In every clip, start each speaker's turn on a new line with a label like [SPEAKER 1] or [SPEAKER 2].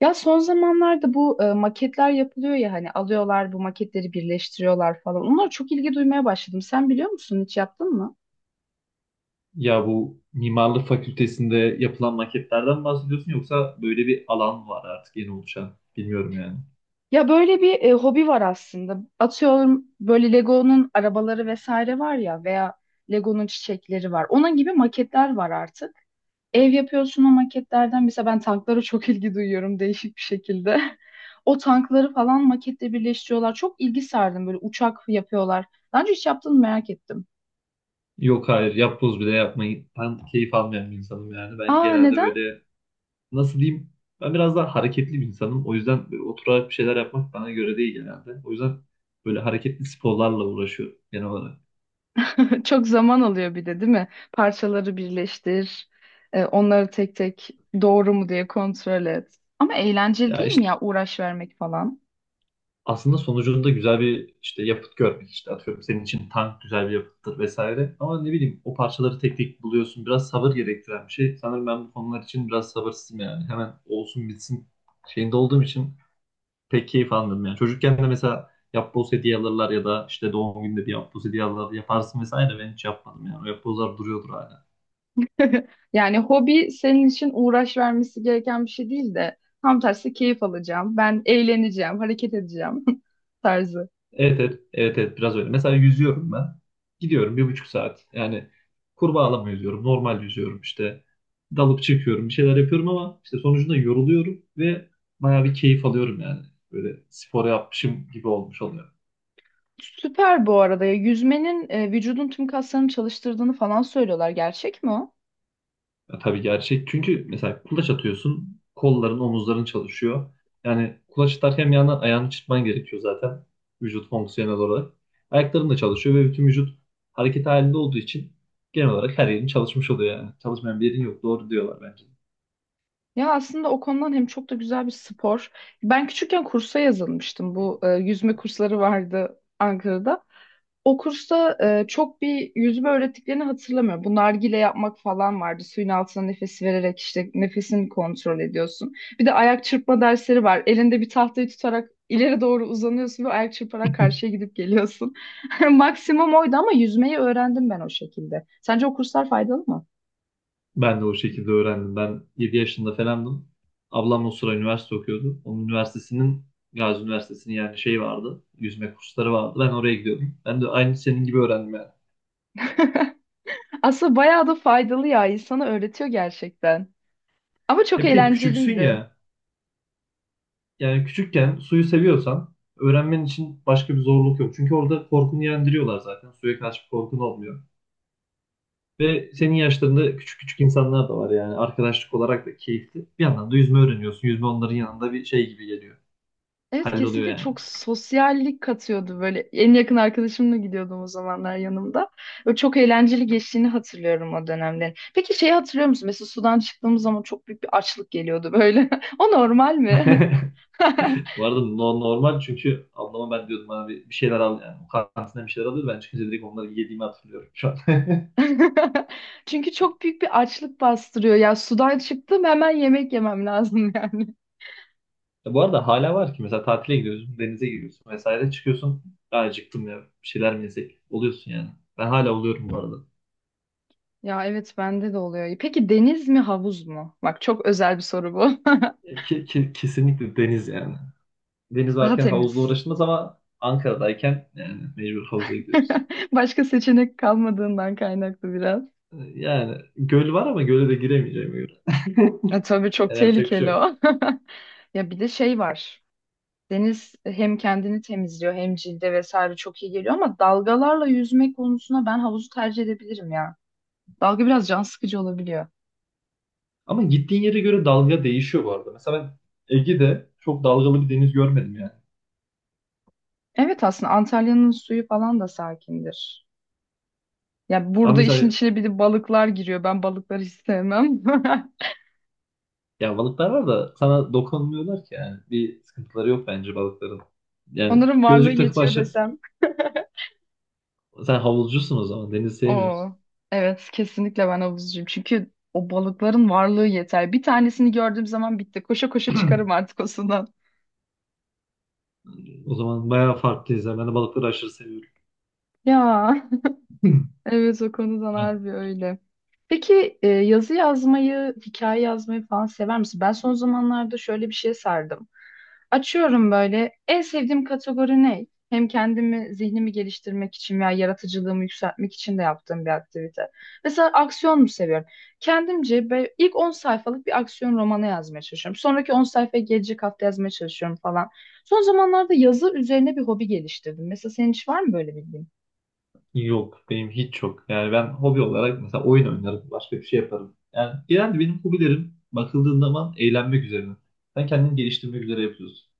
[SPEAKER 1] Ya son zamanlarda bu maketler yapılıyor ya hani alıyorlar bu maketleri birleştiriyorlar falan. Onlara çok ilgi duymaya başladım. Sen biliyor musun, hiç yaptın mı?
[SPEAKER 2] Ya bu mimarlık fakültesinde yapılan maketlerden bahsediyorsun yoksa böyle bir alan var artık yeni oluşan. Bilmiyorum yani.
[SPEAKER 1] Ya böyle bir hobi var aslında. Atıyorum böyle Lego'nun arabaları vesaire var ya, veya Lego'nun çiçekleri var. Onun gibi maketler var artık. Ev yapıyorsun o maketlerden. Mesela ben tanklara çok ilgi duyuyorum, değişik bir şekilde. O tankları falan maketle birleştiriyorlar. Çok ilgi sardım, böyle uçak yapıyorlar. Daha önce hiç yaptın mı, merak ettim.
[SPEAKER 2] Yok, hayır, yapboz bile yapmayı ben keyif almayan bir insanım yani. Ben
[SPEAKER 1] Aa,
[SPEAKER 2] genelde
[SPEAKER 1] neden?
[SPEAKER 2] böyle nasıl diyeyim, ben biraz daha hareketli bir insanım. O yüzden böyle oturarak bir şeyler yapmak bana göre değil genelde. O yüzden böyle hareketli sporlarla uğraşıyorum genel olarak.
[SPEAKER 1] Çok zaman alıyor bir de, değil mi? Parçaları birleştir, onları tek tek doğru mu diye kontrol et. Ama eğlenceli
[SPEAKER 2] Ya
[SPEAKER 1] değil mi
[SPEAKER 2] işte
[SPEAKER 1] ya, uğraş vermek falan?
[SPEAKER 2] aslında sonucunda güzel bir işte yapıt görmek, işte atıyorum senin için tank güzel bir yapıttır vesaire, ama ne bileyim o parçaları tek tek buluyorsun, biraz sabır gerektiren bir şey. Sanırım ben bu konular için biraz sabırsızım yani, hemen olsun bitsin şeyinde olduğum için pek keyif almıyorum yani. Çocukken de mesela yapboz hediye alırlar ya da işte doğum gününde bir yapboz hediye alırlar, yaparsın vesaire, ben hiç yapmadım yani, o yapbozlar duruyordur hala.
[SPEAKER 1] Yani hobi senin için uğraş vermesi gereken bir şey değil de tam tersi, keyif alacağım, ben eğleneceğim, hareket edeceğim tarzı.
[SPEAKER 2] Evet, evet, evet, evet, biraz öyle. Mesela yüzüyorum ben. Gidiyorum 1,5 saat. Yani kurbağalama yüzüyorum. Normal yüzüyorum işte. Dalıp çıkıyorum. Bir şeyler yapıyorum ama işte sonucunda yoruluyorum ve bayağı bir keyif alıyorum yani. Böyle spor yapmışım gibi olmuş oluyor.
[SPEAKER 1] Süper bu arada ya, yüzmenin vücudun tüm kaslarını çalıştırdığını falan söylüyorlar. Gerçek mi o?
[SPEAKER 2] Ya tabii gerçek. Çünkü mesela kulaç atıyorsun, kolların, omuzların çalışıyor. Yani kulaç atarken yana ayağını çırpman gerekiyor zaten, vücut fonksiyonel olarak. Ayakların da çalışıyor ve bütün vücut hareket halinde olduğu için genel olarak her yerin çalışmış oluyor yani. Çalışmayan bir yerin yok. Doğru diyorlar bence.
[SPEAKER 1] Ya aslında o konudan hem çok da güzel bir spor. Ben küçükken kursa yazılmıştım. Bu yüzme kursları vardı Ankara'da. O kursta çok bir yüzme öğrettiklerini hatırlamıyorum. Bu nargile yapmak falan vardı. Suyun altına nefesi vererek işte nefesini kontrol ediyorsun. Bir de ayak çırpma dersleri var. Elinde bir tahtayı tutarak ileri doğru uzanıyorsun ve ayak çırparak karşıya gidip geliyorsun. Maksimum oydu, ama yüzmeyi öğrendim ben o şekilde. Sence o kurslar faydalı mı?
[SPEAKER 2] Ben de o şekilde öğrendim. Ben 7 yaşında falandım. Ablam o sıra üniversite okuyordu. Onun üniversitesinin, Gazi Üniversitesi'nin yani, şey vardı, yüzme kursları vardı. Ben oraya gidiyordum. Ben de aynı senin gibi öğrendim yani.
[SPEAKER 1] Aslında bayağı da faydalı ya. İnsana öğretiyor gerçekten. Ama çok
[SPEAKER 2] E bir de küçüksün
[SPEAKER 1] eğlenceliydi.
[SPEAKER 2] ya, yani küçükken suyu seviyorsan öğrenmen için başka bir zorluk yok. Çünkü orada korkunu yendiriyorlar zaten. Suya karşı bir korkun olmuyor. Ve senin yaşlarında küçük küçük insanlar da var yani, arkadaşlık olarak da keyifli. Bir yandan da yüzme öğreniyorsun. Yüzme onların yanında bir şey gibi geliyor.
[SPEAKER 1] Evet,
[SPEAKER 2] Halloluyor
[SPEAKER 1] kesinlikle
[SPEAKER 2] yani.
[SPEAKER 1] çok sosyallik katıyordu böyle. En yakın arkadaşımla gidiyordum o zamanlar yanımda. Ve çok eğlenceli geçtiğini hatırlıyorum o dönemlerin. Peki şeyi hatırlıyor musun? Mesela sudan çıktığımız zaman çok büyük bir açlık geliyordu böyle. O normal mi?
[SPEAKER 2] Bu arada normal, çünkü ablama ben diyordum, abi bir şeyler al yani. O kantinden bir şeyler alıyordu. Ben çıkınca direkt onları yediğimi hatırlıyorum şu an.
[SPEAKER 1] Çünkü çok büyük bir açlık bastırıyor. Ya sudan çıktım, hemen yemek yemem lazım yani.
[SPEAKER 2] Ya bu arada hala var ki, mesela tatile gidiyorsun, denize giriyorsun vesaire, çıkıyorsun. "Ya acıktım, ya bir şeyler mi yesek?" Oluyorsun yani. Ben hala oluyorum bu arada.
[SPEAKER 1] Ya evet, bende de oluyor. Peki deniz mi, havuz mu? Bak, çok özel bir soru bu.
[SPEAKER 2] Kesinlikle deniz yani. Deniz
[SPEAKER 1] Daha
[SPEAKER 2] varken havuzla
[SPEAKER 1] temiz.
[SPEAKER 2] uğraşılmaz, ama Ankara'dayken yani mecbur havuza gidiyoruz.
[SPEAKER 1] Başka seçenek kalmadığından kaynaklı biraz.
[SPEAKER 2] Yani göl var ama göle de giremeyeceğim göre.
[SPEAKER 1] E, tabii, çok
[SPEAKER 2] Yani yapacak bir şey
[SPEAKER 1] tehlikeli
[SPEAKER 2] yok.
[SPEAKER 1] o. Ya bir de şey var. Deniz hem kendini temizliyor hem cilde vesaire çok iyi geliyor, ama dalgalarla yüzme konusuna ben havuzu tercih edebilirim ya. Dalga biraz can sıkıcı olabiliyor.
[SPEAKER 2] Ama gittiğin yere göre dalga değişiyor bu arada. Mesela ben Ege'de çok dalgalı bir deniz görmedim yani.
[SPEAKER 1] Evet, aslında Antalya'nın suyu falan da sakindir. Ya
[SPEAKER 2] Ama
[SPEAKER 1] burada işin
[SPEAKER 2] mesela,
[SPEAKER 1] içine bir de balıklar giriyor. Ben balıkları hiç sevmem.
[SPEAKER 2] ya balıklar var da sana dokunmuyorlar ki yani. Bir sıkıntıları yok bence balıkların. Yani
[SPEAKER 1] Onların varlığı
[SPEAKER 2] gözlük takıp
[SPEAKER 1] yetiyor
[SPEAKER 2] aşağı...
[SPEAKER 1] desem.
[SPEAKER 2] Sen havuzcusun o zaman. Denizi sevmiyorsun.
[SPEAKER 1] Oo, evet, kesinlikle ben havuzcuyum. Çünkü o balıkların varlığı yeter. Bir tanesini gördüğüm zaman bitti. Koşa koşa çıkarım artık o sudan.
[SPEAKER 2] O zaman bayağı farklıyız ya. Ben de balıkları aşırı seviyorum.
[SPEAKER 1] Ya. Evet, o konudan
[SPEAKER 2] Yani
[SPEAKER 1] harbi öyle. Peki yazı yazmayı, hikaye yazmayı falan sever misin? Ben son zamanlarda şöyle bir şeye sardım. Açıyorum böyle. En sevdiğim kategori ne? Hem kendimi, zihnimi geliştirmek için veya yaratıcılığımı yükseltmek için de yaptığım bir aktivite. Mesela aksiyon mu seviyorum? İlk 10 sayfalık bir aksiyon romanı yazmaya çalışıyorum. Sonraki 10 sayfayı gelecek hafta yazmaya çalışıyorum falan. Son zamanlarda yazı üzerine bir hobi geliştirdim. Mesela senin hiç var mı böyle bildiğin?
[SPEAKER 2] yok. Benim hiç yok. Yani ben hobi olarak mesela oyun oynarım. Başka bir şey yaparım. Yani genelde benim hobilerim bakıldığında zaman eğlenmek üzerine. Sen kendini geliştirmek üzere yapıyorsun.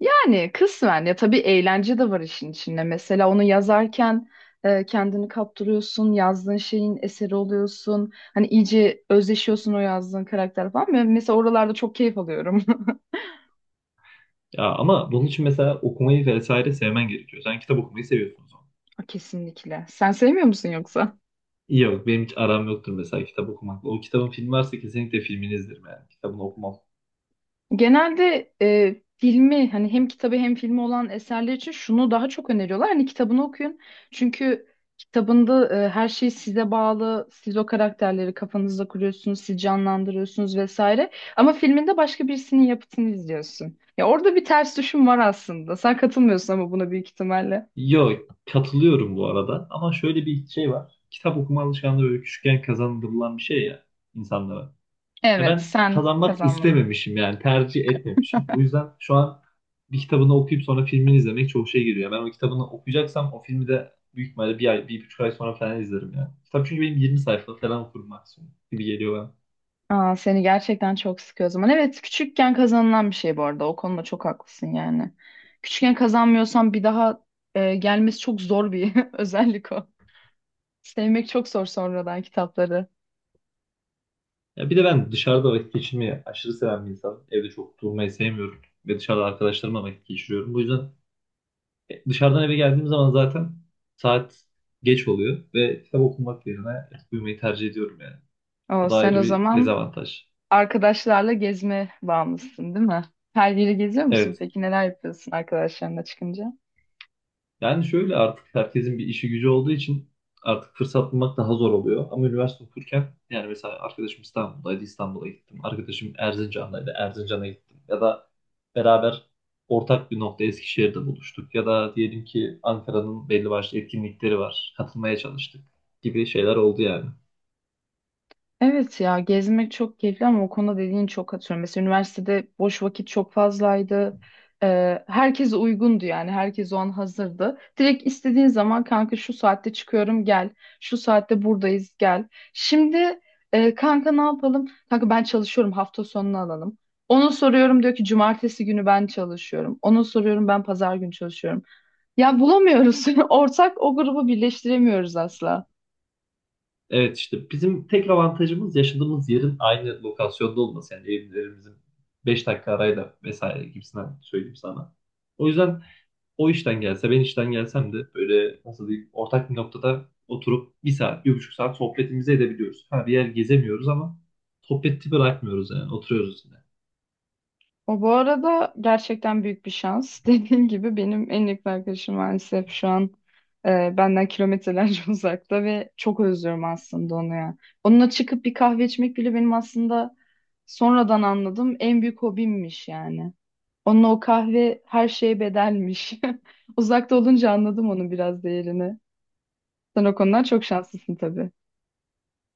[SPEAKER 1] Yani kısmen ya, tabii eğlence de var işin içinde. Mesela onu yazarken kendini kaptırıyorsun, yazdığın şeyin eseri oluyorsun. Hani iyice özleşiyorsun o yazdığın karakter falan. Ben mesela oralarda çok keyif alıyorum.
[SPEAKER 2] Ya ama bunun için mesela okumayı vesaire sevmen gerekiyor. Sen kitap okumayı seviyorsun.
[SPEAKER 1] Kesinlikle. Sen sevmiyor musun yoksa?
[SPEAKER 2] Yok, benim hiç aram yoktur mesela kitap okumakla. O kitabın filmi varsa kesinlikle filmini izlerim yani. Kitabını okumam.
[SPEAKER 1] Genelde filmi hani, hem kitabı hem filmi olan eserler için şunu daha çok öneriyorlar. Hani kitabını okuyun. Çünkü kitabında her şey size bağlı. Siz o karakterleri kafanızda kuruyorsunuz, siz canlandırıyorsunuz vesaire. Ama filminde başka birisinin yapıtını izliyorsun. Ya orada bir ters düşüm var aslında. Sen katılmıyorsun ama buna, büyük ihtimalle.
[SPEAKER 2] Yok, katılıyorum bu arada, ama şöyle bir şey var. Kitap okuma alışkanlığı böyle küçükken kazandırılan bir şey ya, insanlara. Ya
[SPEAKER 1] Evet,
[SPEAKER 2] ben
[SPEAKER 1] sen
[SPEAKER 2] kazanmak
[SPEAKER 1] kazandın.
[SPEAKER 2] istememişim yani, tercih etmemişim. Bu yüzden şu an bir kitabını okuyup sonra filmini izlemek çok şey geliyor. Ben o kitabını okuyacaksam o filmi de büyük ihtimalle 1 ay, 1,5 ay sonra falan izlerim yani. Kitap çünkü benim, 20 sayfa falan okurum maksimum gibi geliyor.
[SPEAKER 1] Aa, seni gerçekten çok sıkıyor o zaman. Evet, küçükken kazanılan bir şey bu arada. O konuda çok haklısın yani. Küçükken kazanmıyorsan bir daha gelmesi çok zor bir özellik o. Sevmek çok zor sonradan kitapları.
[SPEAKER 2] Ya bir de ben dışarıda vakit geçirmeyi aşırı seven bir insanım. Evde çok durmayı sevmiyorum ve dışarıda arkadaşlarımla vakit geçiriyorum. Bu yüzden dışarıdan eve geldiğim zaman zaten saat geç oluyor ve kitap okumak yerine uyumayı tercih ediyorum yani. Bu
[SPEAKER 1] O,
[SPEAKER 2] da
[SPEAKER 1] sen
[SPEAKER 2] ayrı
[SPEAKER 1] o
[SPEAKER 2] bir
[SPEAKER 1] zaman
[SPEAKER 2] dezavantaj.
[SPEAKER 1] arkadaşlarla gezme bağımlısın, değil mi? Her yeri geziyor musun?
[SPEAKER 2] Evet.
[SPEAKER 1] Peki neler yapıyorsun arkadaşlarınla çıkınca?
[SPEAKER 2] Yani şöyle, artık herkesin bir işi gücü olduğu için artık fırsat bulmak daha zor oluyor. Ama üniversite okurken, yani mesela arkadaşım İstanbul'daydı, İstanbul'a gittim. Arkadaşım Erzincan'daydı, Erzincan'a gittim. Ya da beraber ortak bir nokta Eskişehir'de buluştuk. Ya da diyelim ki Ankara'nın belli başlı etkinlikleri var, katılmaya çalıştık gibi şeyler oldu yani.
[SPEAKER 1] Evet ya, gezmek çok keyifli ama o konuda dediğin çok, atıyorum. Mesela üniversitede boş vakit çok fazlaydı. Herkes uygundu, yani herkes o an hazırdı. Direkt istediğin zaman, kanka şu saatte çıkıyorum gel. Şu saatte buradayız gel. Şimdi kanka ne yapalım? Kanka ben çalışıyorum, hafta sonunu alalım. Onu soruyorum, diyor ki cumartesi günü ben çalışıyorum. Onu soruyorum, ben pazar günü çalışıyorum. Ya bulamıyoruz. Ortak o grubu birleştiremiyoruz asla.
[SPEAKER 2] Evet, işte bizim tek avantajımız yaşadığımız yerin aynı lokasyonda olması. Yani evlerimizin 5 dakika arayla vesaire gibisinden söyleyeyim sana. O yüzden o işten gelse, ben işten gelsem de, böyle nasıl diyeyim, ortak bir noktada oturup 1 saat 1,5 saat sohbetimizi edebiliyoruz. Ha bir yer gezemiyoruz ama sohbeti bırakmıyoruz yani, oturuyoruz yine.
[SPEAKER 1] O bu arada gerçekten büyük bir şans. Dediğim gibi, benim en yakın arkadaşım maalesef şu an benden kilometrelerce uzakta ve çok özlüyorum aslında onu ya. Onunla çıkıp bir kahve içmek bile benim aslında, sonradan anladım, en büyük hobimmiş yani. Onunla o kahve her şeye bedelmiş. Uzakta olunca anladım onun biraz değerini. Sen o konudan çok şanslısın tabii.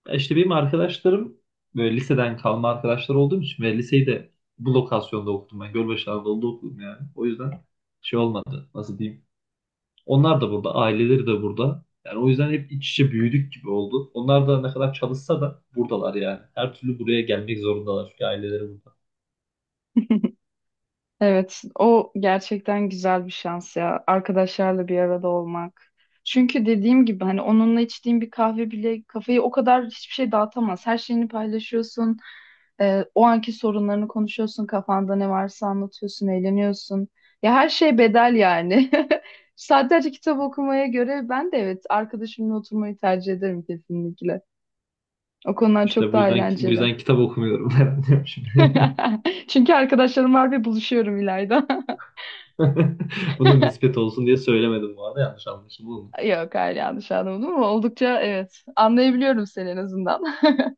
[SPEAKER 2] Ya işte benim arkadaşlarım böyle liseden kalma arkadaşlar olduğum için ve liseyi de bu lokasyonda okudum ben. Gölbaşı Anadolu'da okudum yani. O yüzden şey olmadı, nasıl diyeyim. Onlar da burada, aileleri de burada. Yani o yüzden hep iç içe büyüdük gibi oldu. Onlar da ne kadar çalışsa da buradalar yani. Her türlü buraya gelmek zorundalar çünkü aileleri burada.
[SPEAKER 1] Evet, o gerçekten güzel bir şans ya. Arkadaşlarla bir arada olmak. Çünkü dediğim gibi hani, onunla içtiğin bir kahve bile, kafayı o kadar hiçbir şey dağıtamaz. Her şeyini paylaşıyorsun. O anki sorunlarını konuşuyorsun. Kafanda ne varsa anlatıyorsun, eğleniyorsun. Ya her şey bedel yani. Saatlerce kitap okumaya göre ben de evet, arkadaşımla oturmayı tercih ederim kesinlikle. O konular çok
[SPEAKER 2] İşte bu
[SPEAKER 1] daha
[SPEAKER 2] yüzden bu
[SPEAKER 1] eğlenceli.
[SPEAKER 2] yüzden kitap okumuyorum herhalde şimdi.
[SPEAKER 1] Çünkü arkadaşlarım var ve buluşuyorum İlayda.
[SPEAKER 2] Bunun nispet olsun diye söylemedim bu arada, yanlış anlaşılma
[SPEAKER 1] Yok hayır, yanlış anlamadım, ama oldukça, evet, anlayabiliyorum seni en azından.